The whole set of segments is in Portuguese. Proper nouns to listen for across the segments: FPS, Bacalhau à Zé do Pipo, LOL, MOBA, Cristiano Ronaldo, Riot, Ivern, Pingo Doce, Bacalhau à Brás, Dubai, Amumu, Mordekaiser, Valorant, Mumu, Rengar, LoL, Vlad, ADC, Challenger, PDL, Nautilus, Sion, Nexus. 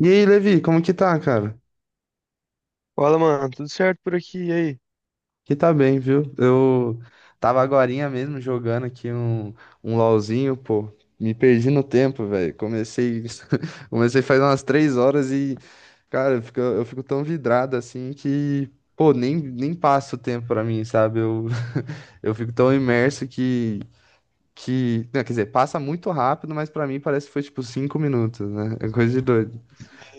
E aí, Levi, como que tá, cara? Fala, mano, tudo certo por aqui? E aí? Que tá bem, viu? Eu tava agorinha mesmo jogando aqui um LOLzinho, pô. Me perdi no tempo, velho. Comecei faz umas 3 horas e, cara, eu fico tão vidrado assim que, pô, nem passa o tempo pra mim, sabe? Eu, eu fico tão imerso que, não, quer dizer, passa muito rápido, mas pra mim parece que foi tipo 5 minutos, né? É coisa de doido.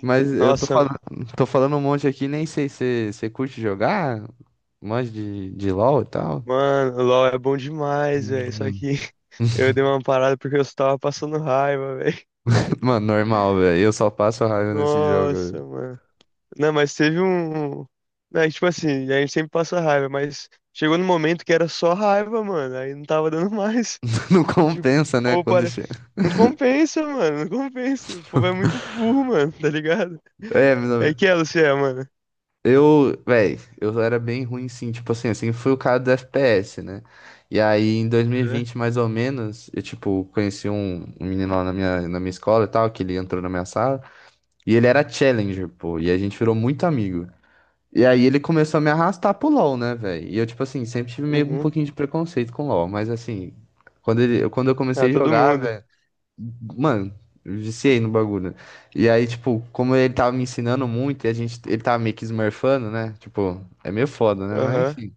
Mas Nossa, mano, tô falando um monte aqui, nem sei se você curte jogar, manja de LoL e tal. mano, o LoL é bom demais, velho. Só Uhum. que eu dei uma parada porque eu só tava passando raiva, velho. Mano, normal, velho. Eu só passo raiva nesse jogo. Nossa, mano. Não, mas teve um. Né, tipo assim, a gente sempre passa raiva, mas chegou no momento que era só raiva, mano. Aí não tava dando mais. Não Tipo, o compensa, né? povo Quando para. chega. Não compensa, mano, não compensa. O povo é muito burro, mano, tá ligado? É, meu É que é, você é, mano. eu, velho, eu era bem ruim sim. Tipo assim, fui o cara do FPS, né? E aí, em Uhum. 2020, mais ou menos, eu, tipo, conheci um menino lá na minha escola e tal, que ele entrou na minha sala. E ele era Challenger, pô. E a gente virou muito amigo. E aí ele começou a me arrastar pro LoL, né, velho? E eu, tipo assim, sempre tive meio um Uhum. pouquinho de preconceito com LoL, mas assim, quando eu Ah, comecei a todo jogar, mundo. velho, mano, eu viciei no bagulho. E aí, tipo, como ele tava me ensinando muito e ele tava meio que smurfando, né? Tipo, é meio foda, né? Mas Aham. enfim.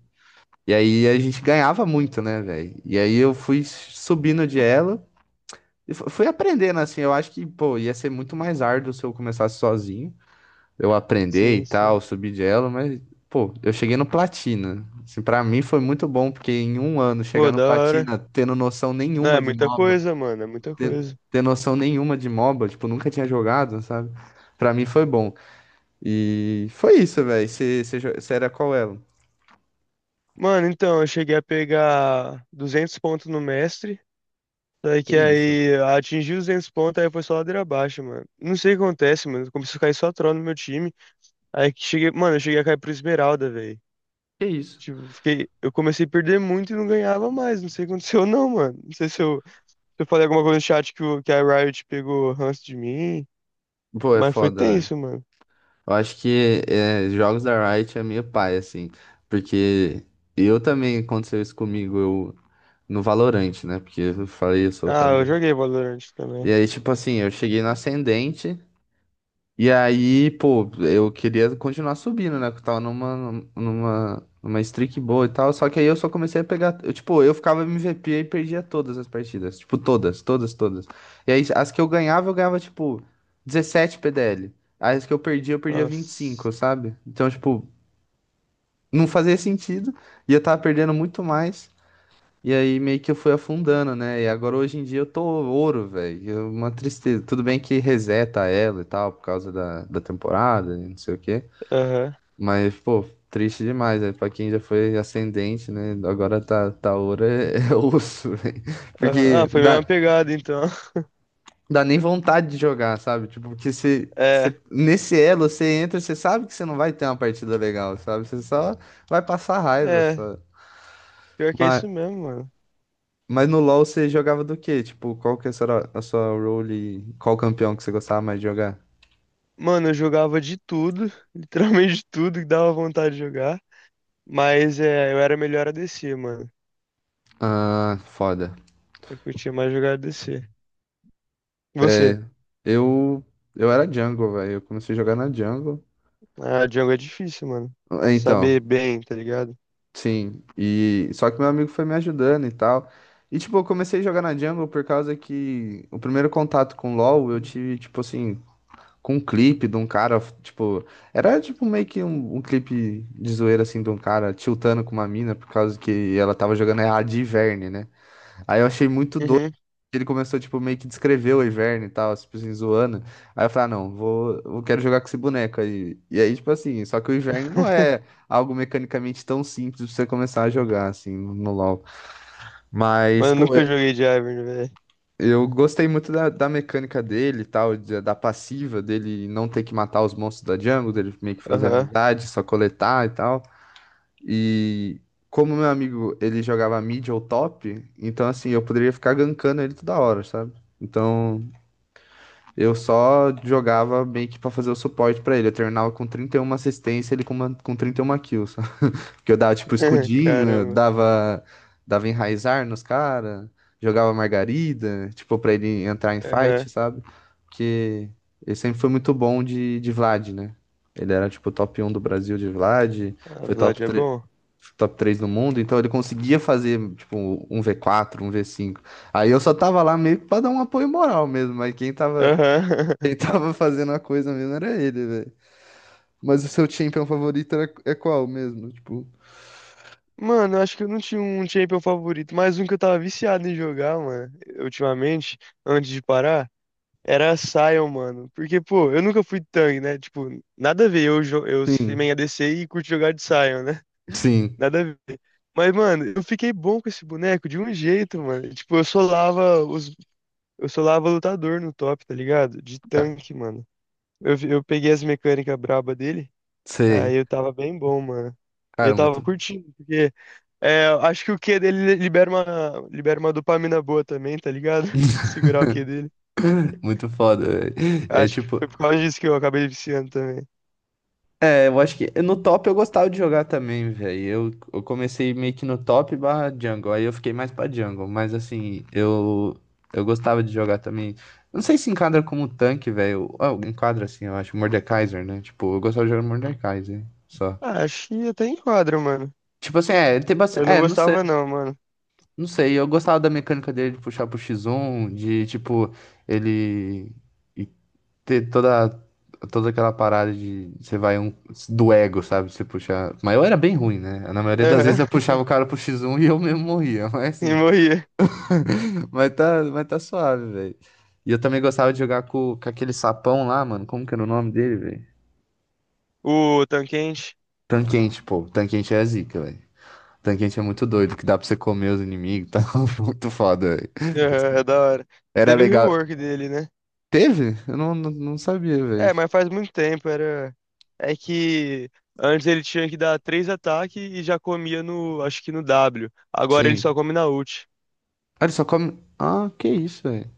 E aí a gente ganhava muito, né, velho? E aí eu fui subindo de elo e fui aprendendo, assim, eu acho que, pô, ia ser muito mais árduo se eu começasse sozinho eu aprender Sim, e tal, sim. subir de elo, mas, pô, eu cheguei no platina. Assim, pra mim foi muito bom, porque em um ano chegar Pô, no da hora. platina, tendo noção Não, é nenhuma de muita MOBA, coisa, mano, é muita ter, coisa. ter noção nenhuma de MOBA, tipo, nunca tinha jogado, sabe? Pra mim foi bom. E foi isso, velho. Você era qual elo? Mano, então, eu cheguei a pegar 200 pontos no mestre, daí Que que isso? aí atingi os 200 pontos, aí foi só ladeira abaixo, mano. Não sei o que acontece, mano, começou a cair só troll no meu time, aí que cheguei, mano, eu cheguei a cair pro Esmeralda, velho. Que isso? Tipo, fiquei, eu comecei a perder muito e não ganhava mais, não sei o que aconteceu não, mano. Não sei se eu falei alguma coisa no chat que a Riot pegou ranço de mim, Pô, é mas foi foda, velho. tenso, mano. Eu acho que é, jogos da Riot é meio pai, assim, porque eu também aconteceu isso comigo, eu no Valorant, né? Porque eu falei, eu sou o Ah, cara eu da- joguei Valorant E também. aí, tipo assim, eu cheguei no ascendente. E aí, pô, eu queria continuar subindo, né? Que eu tava numa streak boa e tal. Só que aí eu só comecei a pegar. Eu, tipo, eu ficava MVP e perdia todas as partidas. Tipo, todas, todas, todas. E aí, as que eu ganhava, tipo, 17 PDL. Aí as que eu perdia 25, Nossa. sabe? Então, tipo, não fazia sentido. E eu tava perdendo muito mais. E aí meio que eu fui afundando, né? E agora hoje em dia eu tô ouro, velho. É uma tristeza. Tudo bem que reseta ela e tal, por causa da temporada e não sei o quê. Aham, Mas, pô, triste demais, né? Pra quem já foi ascendente, né? Agora tá ouro é, é osso, velho. aham. Ah, Porque foi a dá, mesma pegada, então. dá nem vontade de jogar, sabe? Tipo, porque você, você, É, nesse elo você entra, você sabe que você não vai ter uma partida legal, sabe? Você só vai passar raiva, é. só. Pior que é Mas, isso mesmo, mano. Mas no LoL você jogava do quê? Tipo, qual que era a sua role? E qual campeão que você gostava mais de jogar? Mano, eu jogava de tudo, literalmente de tudo que dava vontade de jogar. Mas é, eu era melhor a ADC, mano. Ah, foda. Eu curtia mais jogar ADC. E você? Eu, eu era jungle, velho. Eu comecei a jogar na jungle. Ah, jungle é difícil, mano. Ah, então, Saber bem, tá ligado? sim. E só que meu amigo foi me ajudando e tal. E tipo, eu comecei a jogar na jungle por causa que o primeiro contato com LoL eu tive, tipo assim, com um clipe de um cara, tipo, era tipo meio que um clipe de zoeira assim de um cara tiltando com uma mina por causa que ela tava jogando errado de Ivern, né? Aí eu achei muito doido. Uhum. Ele começou, tipo, meio que descrever o Ivern e tal, tipo assim, zoando. Aí eu falei, ah, não, eu quero jogar com esse boneco aí. E aí, tipo assim, só que o Ivern não é algo mecanicamente tão simples pra você começar a jogar, assim, no LoL. Mas, Mano, eu pô, nunca joguei de Ivern, velho. eu gostei muito da, da mecânica dele e tal, da passiva dele não ter que matar os monstros da jungle, dele meio que fazer Aham. amizade, só coletar e tal. E como meu amigo, ele jogava mid ou top, então assim, eu poderia ficar gankando ele toda hora, sabe? Então, eu só jogava meio que pra fazer o suporte pra ele. Eu terminava com 31 assistência, ele com 31 kills. Que eu dava, tipo, escudinho, Caramba. dava enraizar nos caras, jogava margarida, tipo, pra ele entrar em fight, Aham. sabe? Porque ele sempre foi muito bom de Vlad, né? Ele era, tipo, top um do Brasil de Vlad, A foi Vlad top é 3, bom. top 3 do mundo, então ele conseguia fazer, tipo, um v quatro, um v cinco. Aí eu só tava lá meio que pra dar um apoio moral mesmo, mas quem tava, Aham. quem tava fazendo a coisa mesmo era ele, velho. Mas o seu champion favorito era, é qual mesmo? Tipo, Mano, eu acho que eu não tinha um champion favorito, mas um que eu tava viciado em jogar, mano, ultimamente, antes de parar, era a Sion, mano. Porque, pô, eu nunca fui tanque, né? Tipo, nada a ver eu, eu ser sim. main ADC e curto jogar de Sion, né? Sim, Nada a ver. Mas, mano, eu fiquei bom com esse boneco de um jeito, mano. Tipo, eu solava lutador no top, tá ligado? De ah, tanque, mano. Eu peguei as mecânicas braba dele, aí sei. eu tava bem bom, mano. Eu Cara, tava muito, curtindo, porque é, acho que o Q dele libera uma dopamina boa também, tá ligado? Segurar o Q dele. muito foda, velho. É Acho que tipo. foi por causa disso que eu acabei viciando também. É, eu acho que no top eu gostava de jogar também, velho. Eu comecei meio que no top barra jungle, aí eu fiquei mais pra jungle, mas assim, eu gostava de jogar também. Não sei se enquadra como tanque, velho. Ah, enquadra assim, eu acho. Mordekaiser, né? Tipo, eu gostava de jogar Mordekaiser, só. Ah, acho que até enquadra, mano. Tipo assim, é, tem Eu bastante. não É, gostava não, mano. não sei. Eu gostava da mecânica dele de puxar pro X1, de tipo, ele. Ter toda aquela parada de você vai um do ego, sabe? Você puxar. Mas eu era bem ruim, né? Na maioria das vezes Aham. eu puxava o cara pro X1 e eu mesmo morria, mas E assim. morria. Mas tá suave, velho. E eu também gostava de jogar com aquele sapão lá, mano. Como que era o nome dele, velho? O Tanquente. Tanquente, pô. Tanquente é zica, velho. Tanquente é muito doido, que dá pra você comer os inimigos e tal. Muito foda, velho. Aham, é da hora. Era Teve o legal. rework dele, né? Teve? Eu não sabia, velho. É, mas faz muito tempo, era... É que antes ele tinha que dar três ataques e já comia no... Acho que no W. Agora ele só Sim. come na ult. Ah, ele só come. Ah, que isso, velho.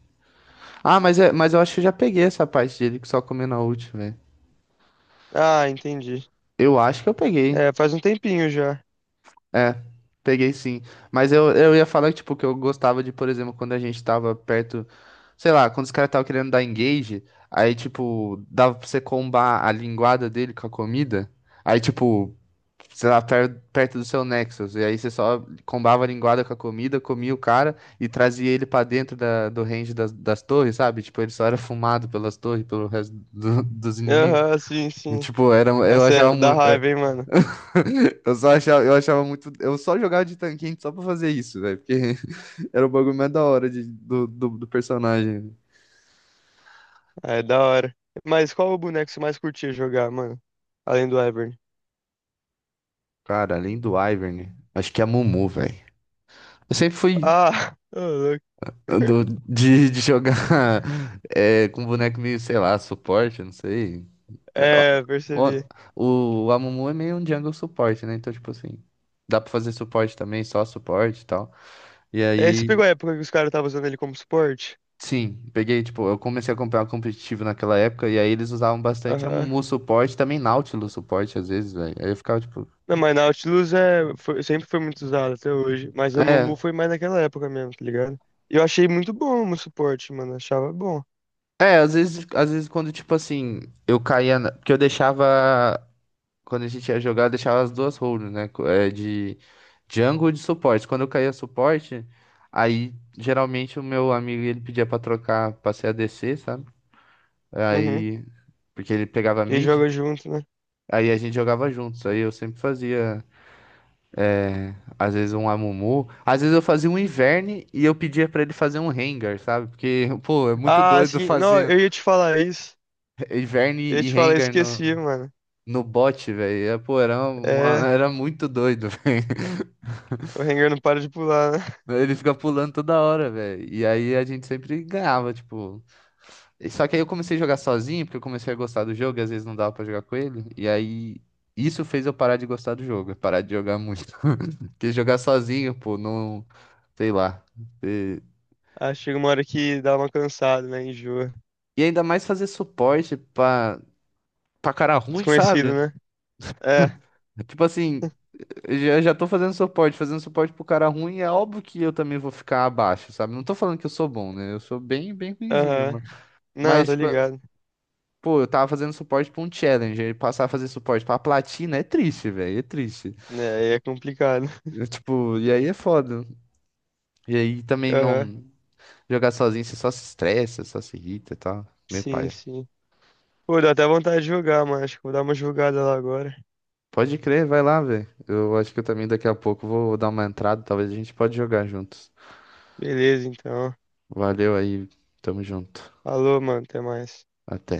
Ah, mas, é, mas eu acho que eu já peguei essa parte dele que só comeu na última, velho. Ah, entendi. Eu acho que eu peguei. É, faz um tempinho já. É, peguei sim. Mas eu ia falar, tipo, que eu gostava de, por exemplo, quando a gente tava perto, sei lá, quando os caras estavam querendo dar engage, aí, tipo, dava pra você combar a linguada dele com a comida. Aí, tipo, sei lá, perto do seu Nexus. E aí você só combava a linguada com a comida, comia o cara e trazia ele pra dentro da, do range das torres, sabe? Tipo, ele só era fumado pelas torres, pelo resto dos inimigos. Aham, sim, sim. Tipo, era, eu Essa achava é da muito. raiva, hein, mano? Eu só achava, eu achava muito. Eu só jogava de tanquinho só pra fazer isso, velho. Porque era o bagulho mais da hora do, do personagem. Ah, é da hora. Mas qual o boneco que você mais curtia jogar, mano? Além do Ivern. Cara, além do Ivern, acho que é a Mumu, velho. Eu sempre fui Ah, ô, louco. de jogar é, com boneco meio, sei lá, suporte, não sei. É, É, ó, percebi. O, a Mumu é meio um jungle suporte, né? Então, tipo assim, dá pra fazer suporte também, só suporte e tal. E É, você aí. pegou a época que os caras estavam usando ele como suporte? Sim, peguei, tipo, eu comecei a comprar competitivo naquela época e aí eles usavam bastante a Aham. Mumu suporte, também Nautilus suporte às vezes, velho. Aí eu ficava tipo, Não, mas Nautilus é, foi- sempre foi muito usado até hoje. Mas a é, Mumu foi mais naquela época mesmo, tá ligado? E eu achei muito bom o suporte, mano. Achava bom. é, às vezes, quando tipo assim, eu caía, porque eu deixava quando a gente ia jogar, eu deixava as duas roles, né, é, de jungle e de suporte. Quando eu caía suporte, aí geralmente o meu amigo ele pedia pra trocar, pra ser ADC, sabe? Uhum. Aí porque ele pegava Quem mid, joga junto, né? aí a gente jogava juntos. Aí eu sempre fazia né? Às vezes um Amumu. Às vezes eu fazia um Ivern e eu pedia pra ele fazer um Rengar, sabe? Porque, pô, é muito Ah, doido sim. Não, fazer eu ia te falar isso. Ivern Eu ia e te falar, Rengar no, esqueci, mano. no bot, velho. É, pô, era, É. era muito doido, velho. O Rengar não para de pular, né? Ele fica pulando toda hora, velho. E aí a gente sempre ganhava, tipo. Só que aí eu comecei a jogar sozinho, porque eu comecei a gostar do jogo e às vezes não dava pra jogar com ele. E aí. Isso fez eu parar de gostar do jogo, parar de jogar muito. Porque jogar sozinho, pô, não. Sei lá. Ah, chega uma hora que dá uma cansada, né? Enjoa. E ainda mais fazer suporte pra cara ruim, sabe? Desconhecido, né? É, Tipo assim, eu já tô fazendo suporte pro cara ruim, é óbvio que eu também vou ficar abaixo, sabe? Não tô falando que eu sou bom, né? Eu sou bem ruinzinho, aham. Não, mas, tá tipo, ligado. pô, eu tava fazendo suporte pra um Challenger e passar a fazer suporte pra platina é triste, velho, é triste. É, aí é complicado. Eu, tipo, e aí é foda. E aí também Aham. não jogar sozinho, você só se estressa, só se irrita e tal. Meu pai. Sim, sim. Pô, dá até vontade de jogar, mano. Acho que vou dar uma jogada lá agora. Pode crer, vai lá, velho. Eu acho que eu também daqui a pouco vou dar uma entrada, talvez a gente pode jogar juntos. Beleza, então. Valeu aí, tamo junto. Falou, mano. Até mais. Até.